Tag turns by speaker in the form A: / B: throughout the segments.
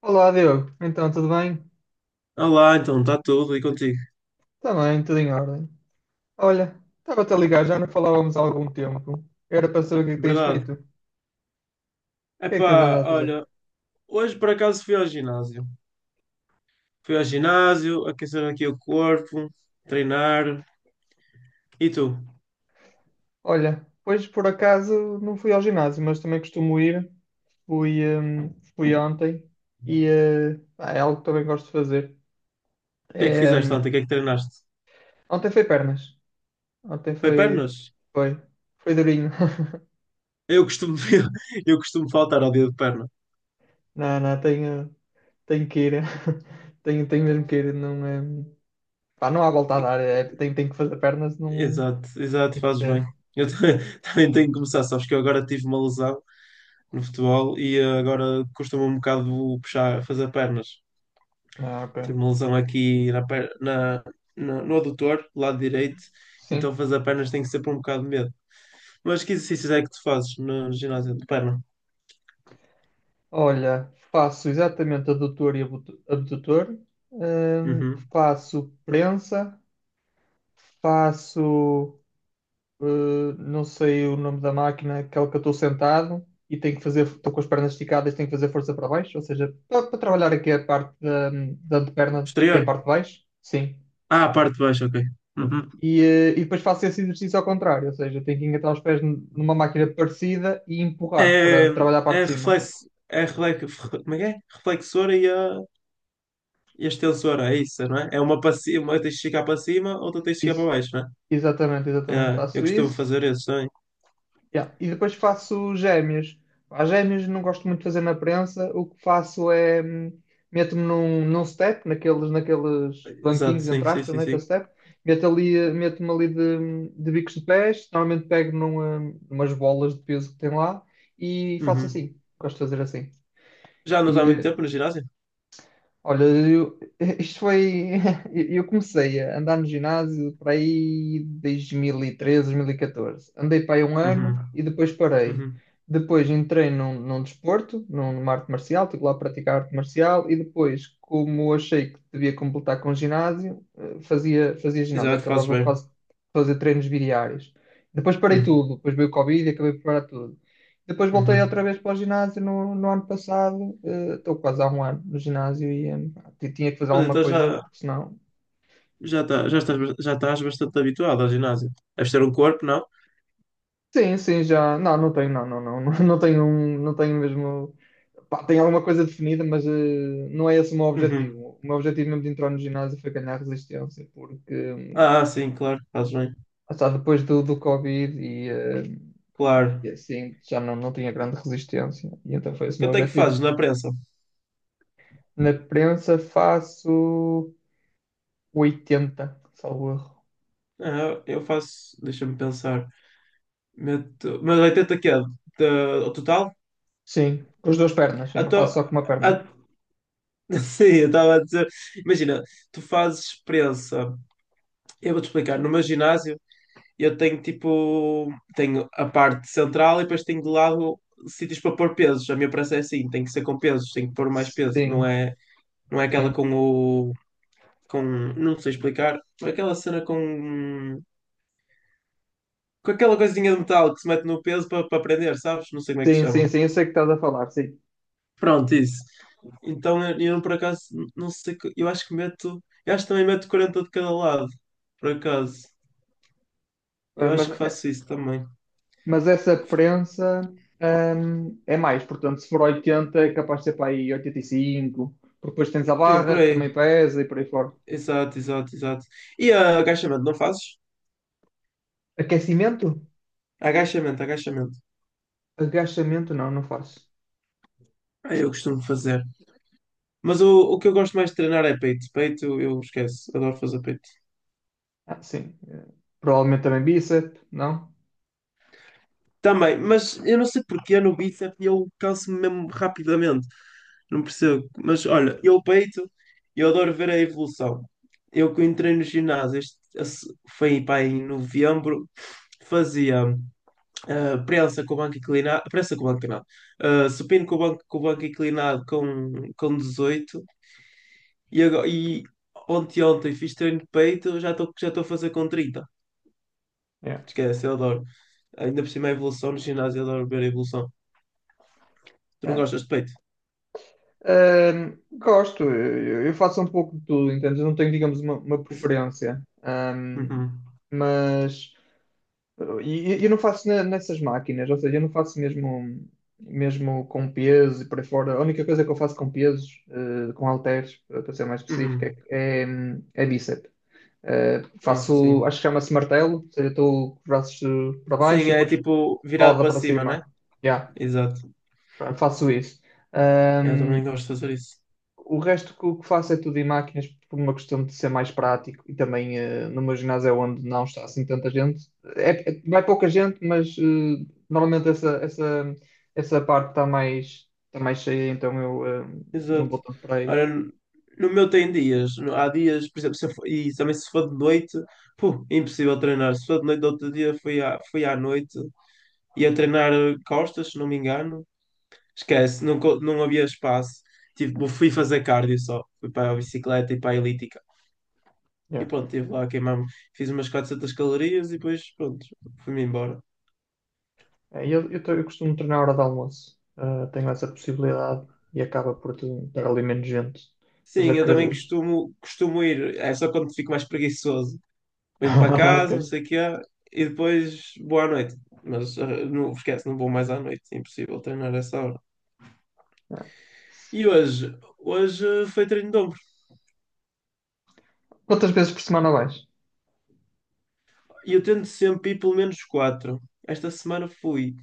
A: Olá, Diogo. Então, tudo bem?
B: Olá, então está tudo e contigo?
A: Também, tudo em ordem. Olha, estava-te a ligar, já não falávamos há algum tempo. Era para saber o que é que tens
B: Verdade.
A: feito. O que é que tens
B: Epá,
A: andado a fazer?
B: olha, hoje por acaso fui ao ginásio. Fui ao ginásio, aquecer aqui o corpo, treinar. E tu? O
A: Olha, hoje por acaso não fui ao ginásio, mas também costumo ir. Fui ontem e pá, é algo que também gosto de fazer.
B: que é que
A: É,
B: fizeste
A: hum,
B: ontem? O que é que treinaste?
A: Ontem foi pernas. Ontem
B: Foi
A: foi.
B: pernas?
A: Foi. Foi durinho.
B: Eu costumo, eu costumo faltar ao dia de perna.
A: Não, não, tenho que ir. Tenho mesmo que ir. Não, é. Pá, não há volta a dar. É, tem que fazer pernas, não
B: Exato, exato,
A: tem que
B: fazes bem.
A: ser.
B: Eu também tenho que começar, sabes que eu agora tive uma lesão no futebol e agora custa-me um bocado puxar, fazer pernas.
A: Ah, ok.
B: Tive uma lesão aqui na, per- na, na- no adutor, lado direito, então
A: Sim.
B: fazer pernas tem que ser por um bocado de medo. Mas que exercícios é que tu fazes no ginásio de perna?
A: Olha, faço exatamente adutor e abdutor.
B: Uhum.
A: Faço prensa. Faço. Não sei o nome da máquina, aquela que eu estou sentado e tenho que fazer. Estou com as pernas esticadas, tenho que fazer força para baixo. Ou seja, para, trabalhar aqui a parte da anteperna, aqui a
B: Exterior?
A: parte de baixo. Sim.
B: Ah, a parte de baixo, ok. Uhum.
A: E depois faço esse exercício ao contrário, ou seja, tenho que engatar os pés numa máquina parecida e empurrar
B: É,
A: para trabalhar a parte de cima.
B: é reflexo, como é que é? Reflexora e a extensora, é isso, não é? É uma para cima, uma tens de chegar para cima, outra tens de chegar para
A: Isso,
B: baixo, não é?
A: exatamente, exatamente,
B: É, eu
A: faço
B: costumo
A: isso.
B: fazer isso também.
A: Yeah. E depois faço gêmeos. As gêmeos não gosto muito de fazer na prensa, o que faço é meto-me num step, naqueles
B: Exato,
A: banquinhos,
B: sim,
A: entre
B: sim,
A: aspas,
B: sim,
A: naquele
B: sim.
A: step, meto ali, meto-me ali de bicos de pés, normalmente pego numa, umas bolas de peso que tem lá e faço
B: Uhum.
A: assim, gosto de fazer assim.
B: Já não está há
A: E,
B: muito
A: eh,
B: tempo no ginásio?
A: Olha, eu, isto foi. Eu comecei a andar no ginásio para aí 2013, 2014. Andei para aí um
B: Uhum.
A: ano e depois parei.
B: Uhum.
A: Depois entrei num desporto, numa arte marcial, estive lá a praticar arte marcial e depois, como achei que devia completar com ginásio, fazia ginásio,
B: Exato, fazes
A: acabava
B: bem.
A: quase de fazer treinos bidiários. Depois parei
B: Uhum.
A: tudo, depois veio o Covid e acabei por parar tudo. Depois voltei outra
B: Uhum.
A: vez para o ginásio no ano passado. Estou quase há um ano no ginásio e pá, tinha que fazer
B: Mas
A: alguma
B: então
A: coisa,
B: já,
A: porque senão.
B: já, tá, já, estás, já estás bastante habituado ao ginásio. Deves ter um corpo, não?
A: Sim, sim, já. Não, não tenho, não, não, não, não, não tenho, não tenho mesmo. Pá, tenho alguma coisa definida, mas não é esse o meu
B: Uhum.
A: objetivo. O meu objetivo mesmo de entrar no ginásio foi ganhar resistência, porque
B: Ah, sim, claro, fazes bem.
A: lá está, depois do Covid
B: Claro.
A: e assim já não, não tinha grande resistência. E então foi esse o meu
B: Quanto é que
A: objetivo.
B: fazes na prensa?
A: Na prensa faço 80, salvo erro.
B: Ah, eu faço, deixa-me pensar. Meto, mas 80 que é? O total?
A: Sim, com as duas pernas. Eu
B: Ah,
A: não faço
B: tô,
A: só com uma perna.
B: ah, sim, eu estava a dizer. Imagina, tu fazes prensa. Eu vou-te explicar. No meu ginásio, eu tenho tipo, tenho a parte central e depois tenho de lado sítios para pôr pesos. A minha prancha é assim, tem que ser com pesos, tem que pôr mais peso. Não
A: Sim,
B: é, não é aquela
A: sim.
B: não sei explicar, é aquela cena com aquela coisinha de metal que se mete no peso para prender, sabes? Não sei como é que se
A: Sim, sim,
B: chama.
A: sim, eu sei que estás a falar, sim.
B: Pronto, isso. Então eu por acaso, não sei, eu acho que meto, eu acho que também meto 40 de cada lado, por acaso.
A: Ah,
B: Eu acho que faço isso também.
A: Mas essa prensa, é mais, portanto, se for 80 é capaz de ser para aí 85, porque depois tens a
B: Sim, por
A: barra que
B: aí.
A: também pesa e por aí fora.
B: Exato, exato, exato. E agachamento, não fazes?
A: Aquecimento?
B: Agachamento, agachamento.
A: Agachamento não, não faço.
B: Ah, eu costumo fazer. Mas o que eu gosto mais de treinar é peito. Peito, eu esqueço. Adoro fazer peito.
A: Ah, sim. Provavelmente também bíceps, não?
B: Também, mas eu não sei porquê no bíceps eu canso-me mesmo rapidamente. Não percebo. Mas olha, eu adoro ver a evolução. Eu que entrei no ginásio, foi pá, em novembro, fazia. Prensa com o banco inclinado, prensa com o banco inclinado, supino com o banco, inclinado com 18 e, agora, e ontem fiz treino de peito, já estou a fazer com 30. Esquece, eu adoro. Ainda por cima a evolução no ginásio, eu adoro ver a evolução. Tu não
A: É.
B: gostas de peito?
A: Gosto, eu faço um pouco de tudo, entendes? Eu não tenho, digamos, uma
B: Isso.
A: preferência.
B: Uhum.
A: Mas eu, não faço nessas máquinas, ou seja, eu não faço mesmo, mesmo com peso e por aí fora. A única coisa que eu faço com pesos, com halteres, para ser mais específico,
B: Uhum.
A: é, é bíceps.
B: Ah,
A: Faço,
B: sim.
A: acho que chama-se martelo, ou seja, estou com os braços para baixo
B: Sim,
A: e
B: é
A: depois
B: tipo virado
A: roda
B: para
A: para
B: cima, né?
A: cima. Yeah,
B: Exato.
A: faço isso.
B: Eu também gosto de fazer isso.
A: O resto que, o que faço é tudo em máquinas por uma questão de ser mais prático e também no meu ginásio é onde não está assim tanta gente. É, vai pouca gente, mas normalmente essa parte está mais cheia, então eu não vou
B: Exato.
A: tanto para aí.
B: Ora, no meu tem dias. Há dias, por exemplo, se eu for- e também se for de noite, puh, é impossível treinar. Se for de noite, do outro dia fui à noite e a treinar costas, se não me engano. Esquece, não, não havia espaço. Tipo, fui fazer cardio só. Fui para a bicicleta e para a elíptica. E
A: Yeah.
B: pronto, estive lá a queimar-me. Fiz umas 400 calorias e depois, pronto, fui-me embora.
A: É, eu costumo treinar à hora de almoço. Tenho essa possibilidade e acaba por estar ali menos gente. Depois
B: Sim, eu também
A: acredito.
B: costumo ir. É só quando fico mais preguiçoso. Venho para
A: Ok.
B: casa, não sei o quê, e depois vou à noite. Mas não esquece, não vou mais à noite, é impossível treinar essa hora. E hoje, foi treino de ombro.
A: Quantas vezes por semana vais?
B: E eu tento sempre ir pelo menos quatro. Esta semana fui,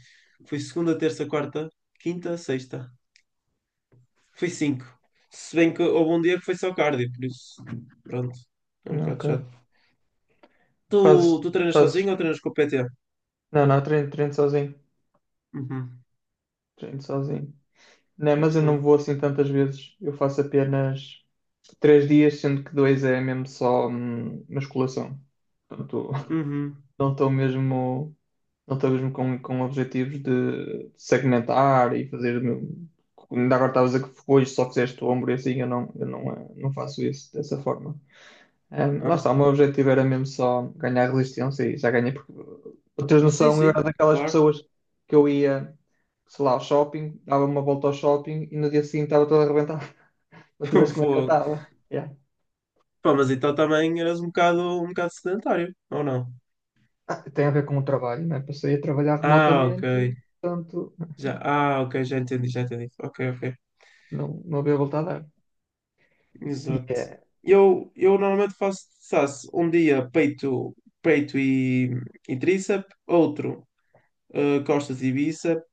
B: fui segunda, terça, quarta, quinta, sexta. Fui cinco. Se bem que houve um dia que foi só cardio, por isso, pronto, é um bocado
A: Ok.
B: chato. Tu,
A: Fazes,
B: tu treinas
A: fazes.
B: sozinho ou treinas com o PT?
A: Não, não, treino sozinho.
B: Uhum,
A: Treino sozinho. Não, mas
B: muito
A: eu não
B: bem.
A: vou assim tantas vezes. Eu faço apenas 3 dias, sendo que dois é mesmo só musculação. Portanto,
B: Uhum.
A: não estou mesmo, não estou mesmo com objetivos de segmentar e fazer. Ainda agora estavas a dizer que hoje só fizeste o ombro e assim, eu não, não faço isso dessa forma. Lá
B: Ah,
A: está, o meu objetivo era mesmo só ganhar resistência e já ganhei, porque para teres
B: sim,
A: noção, eu era
B: sim,
A: daquelas
B: claro.
A: pessoas que eu ia, sei lá, ao shopping, dava uma volta ao shopping e no dia seguinte estava toda arrebentada, outra vez como é que eu
B: Fogo.
A: estava. Yeah.
B: Pá, mas então também eras um bocado sedentário, ou não?
A: Ah, tem a ver com o trabalho, né? Passei a trabalhar
B: Ah, ok.
A: remotamente, portanto,
B: Já, ok, já entendi, já entendi. Ok, ok.
A: não, não havia volta a dar. E
B: Exato.
A: é,
B: Eu normalmente faço, um dia peito, peito e tríceps, outro costas e bíceps,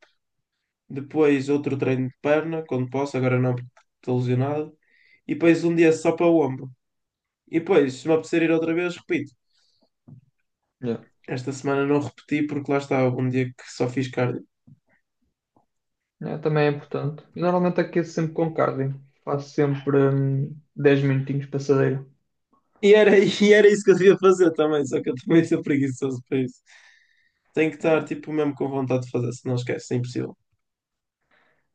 B: depois outro treino de perna, quando posso, agora não porque estou lesionado, e depois um dia só para o ombro. E depois, se me apetecer ir outra vez, repito.
A: yeah.
B: Esta semana não repeti porque lá estava um dia que só fiz cardio.
A: É, também é importante. E normalmente aqueço sempre com cardio, faço sempre 10 minutinhos passadeiro.
B: E era isso que eu devia fazer também, só que eu também sou preguiçoso para isso. Tenho que estar, tipo, mesmo com vontade de fazer, se não esquece, é impossível.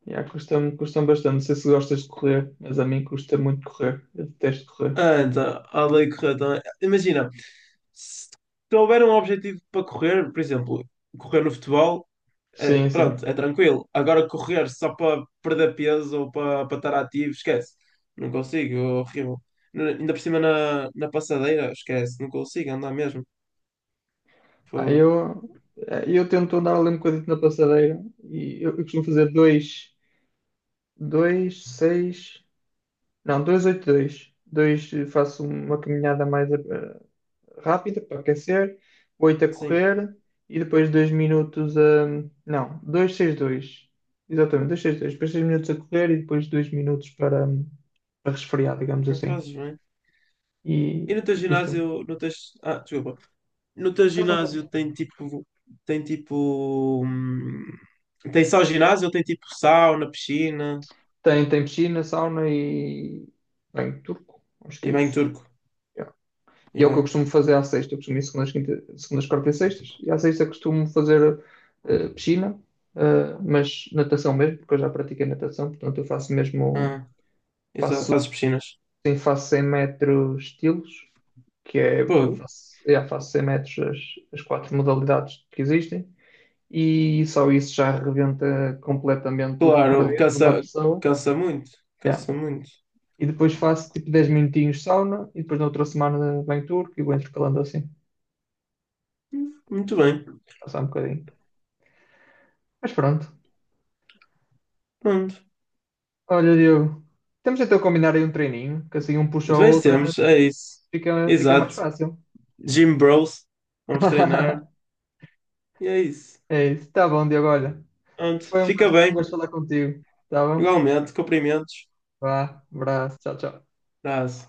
A: Yeah, custa-me custa bastante. Não sei se gostas de correr, mas a mim custa muito correr. Eu detesto correr.
B: Anda, a lei correr também. Imagina, se houver um objetivo para correr, por exemplo, correr no futebol,
A: Sim, sim.
B: pronto, é tranquilo. Agora correr só para perder peso ou para estar ativo, esquece. Não consigo, é horrível. Ainda por cima na passadeira, esquece, não consigo andar mesmo.
A: Ah,
B: Fogo.
A: eu tento andar ali um bocadinho na passadeira e eu costumo fazer dois, dois, seis, não, dois, oito, dois. Dois faço uma caminhada mais rápida para aquecer, oito a
B: Sim,
A: correr e depois dois minutos a. Não, dois, seis, dois. Exatamente, dois, seis, dois. Depois 6 minutos a correr e depois 2 minutos para, para resfriar, digamos
B: não
A: assim.
B: fazes bem. E no teu
A: E custa.
B: ginásio, no teu... Ah, desculpa. No teu
A: Não faz
B: ginásio
A: nada.
B: tem tipo. Tem tipo. hum, Tem só ginásio ou tem tipo sauna, piscina
A: Tem piscina, sauna e bem, turco. Acho que
B: e
A: é
B: banho
A: isso.
B: turco?
A: Yeah. E é o que eu
B: Yeah.
A: costumo fazer à sexta. Eu costumo ir segundas, quinta, segundas, quartas e sextas. E à sexta costumo fazer piscina, mas natação mesmo, porque eu já pratiquei natação. Portanto, eu faço mesmo,
B: Ah, exato.
A: faço,
B: Fazes piscinas.
A: sim, faço 100 metros estilos, que é, pronto,
B: Pô,
A: faço, yeah, faço 100 metros as quatro modalidades que existem. E só isso já arrebenta completamente o cardio
B: claro,
A: de uma
B: cansa,
A: pessoa.
B: cansa muito.
A: Yeah.
B: Cansa muito.
A: E depois faço tipo 10 minutinhos sauna e depois na outra semana venho turco e vou intercalando assim,
B: Muito bem.
A: passar um bocadinho. Mas pronto.
B: Pronto.
A: Olha, Diogo, temos então a combinar aí um treininho, que assim um puxa o outro,
B: Vencemos, é isso.
A: fica mais
B: Exato.
A: fácil.
B: Gym Bros. Vamos treinar. E é isso.
A: É isso. Tá bom, Diogo, olha.
B: Pronto.
A: Foi
B: Fica
A: um
B: bem.
A: gosto falar contigo. Tá bom?
B: Igualmente. Cumprimentos.
A: Vá, abraço, tchau, tchau.
B: Abraço.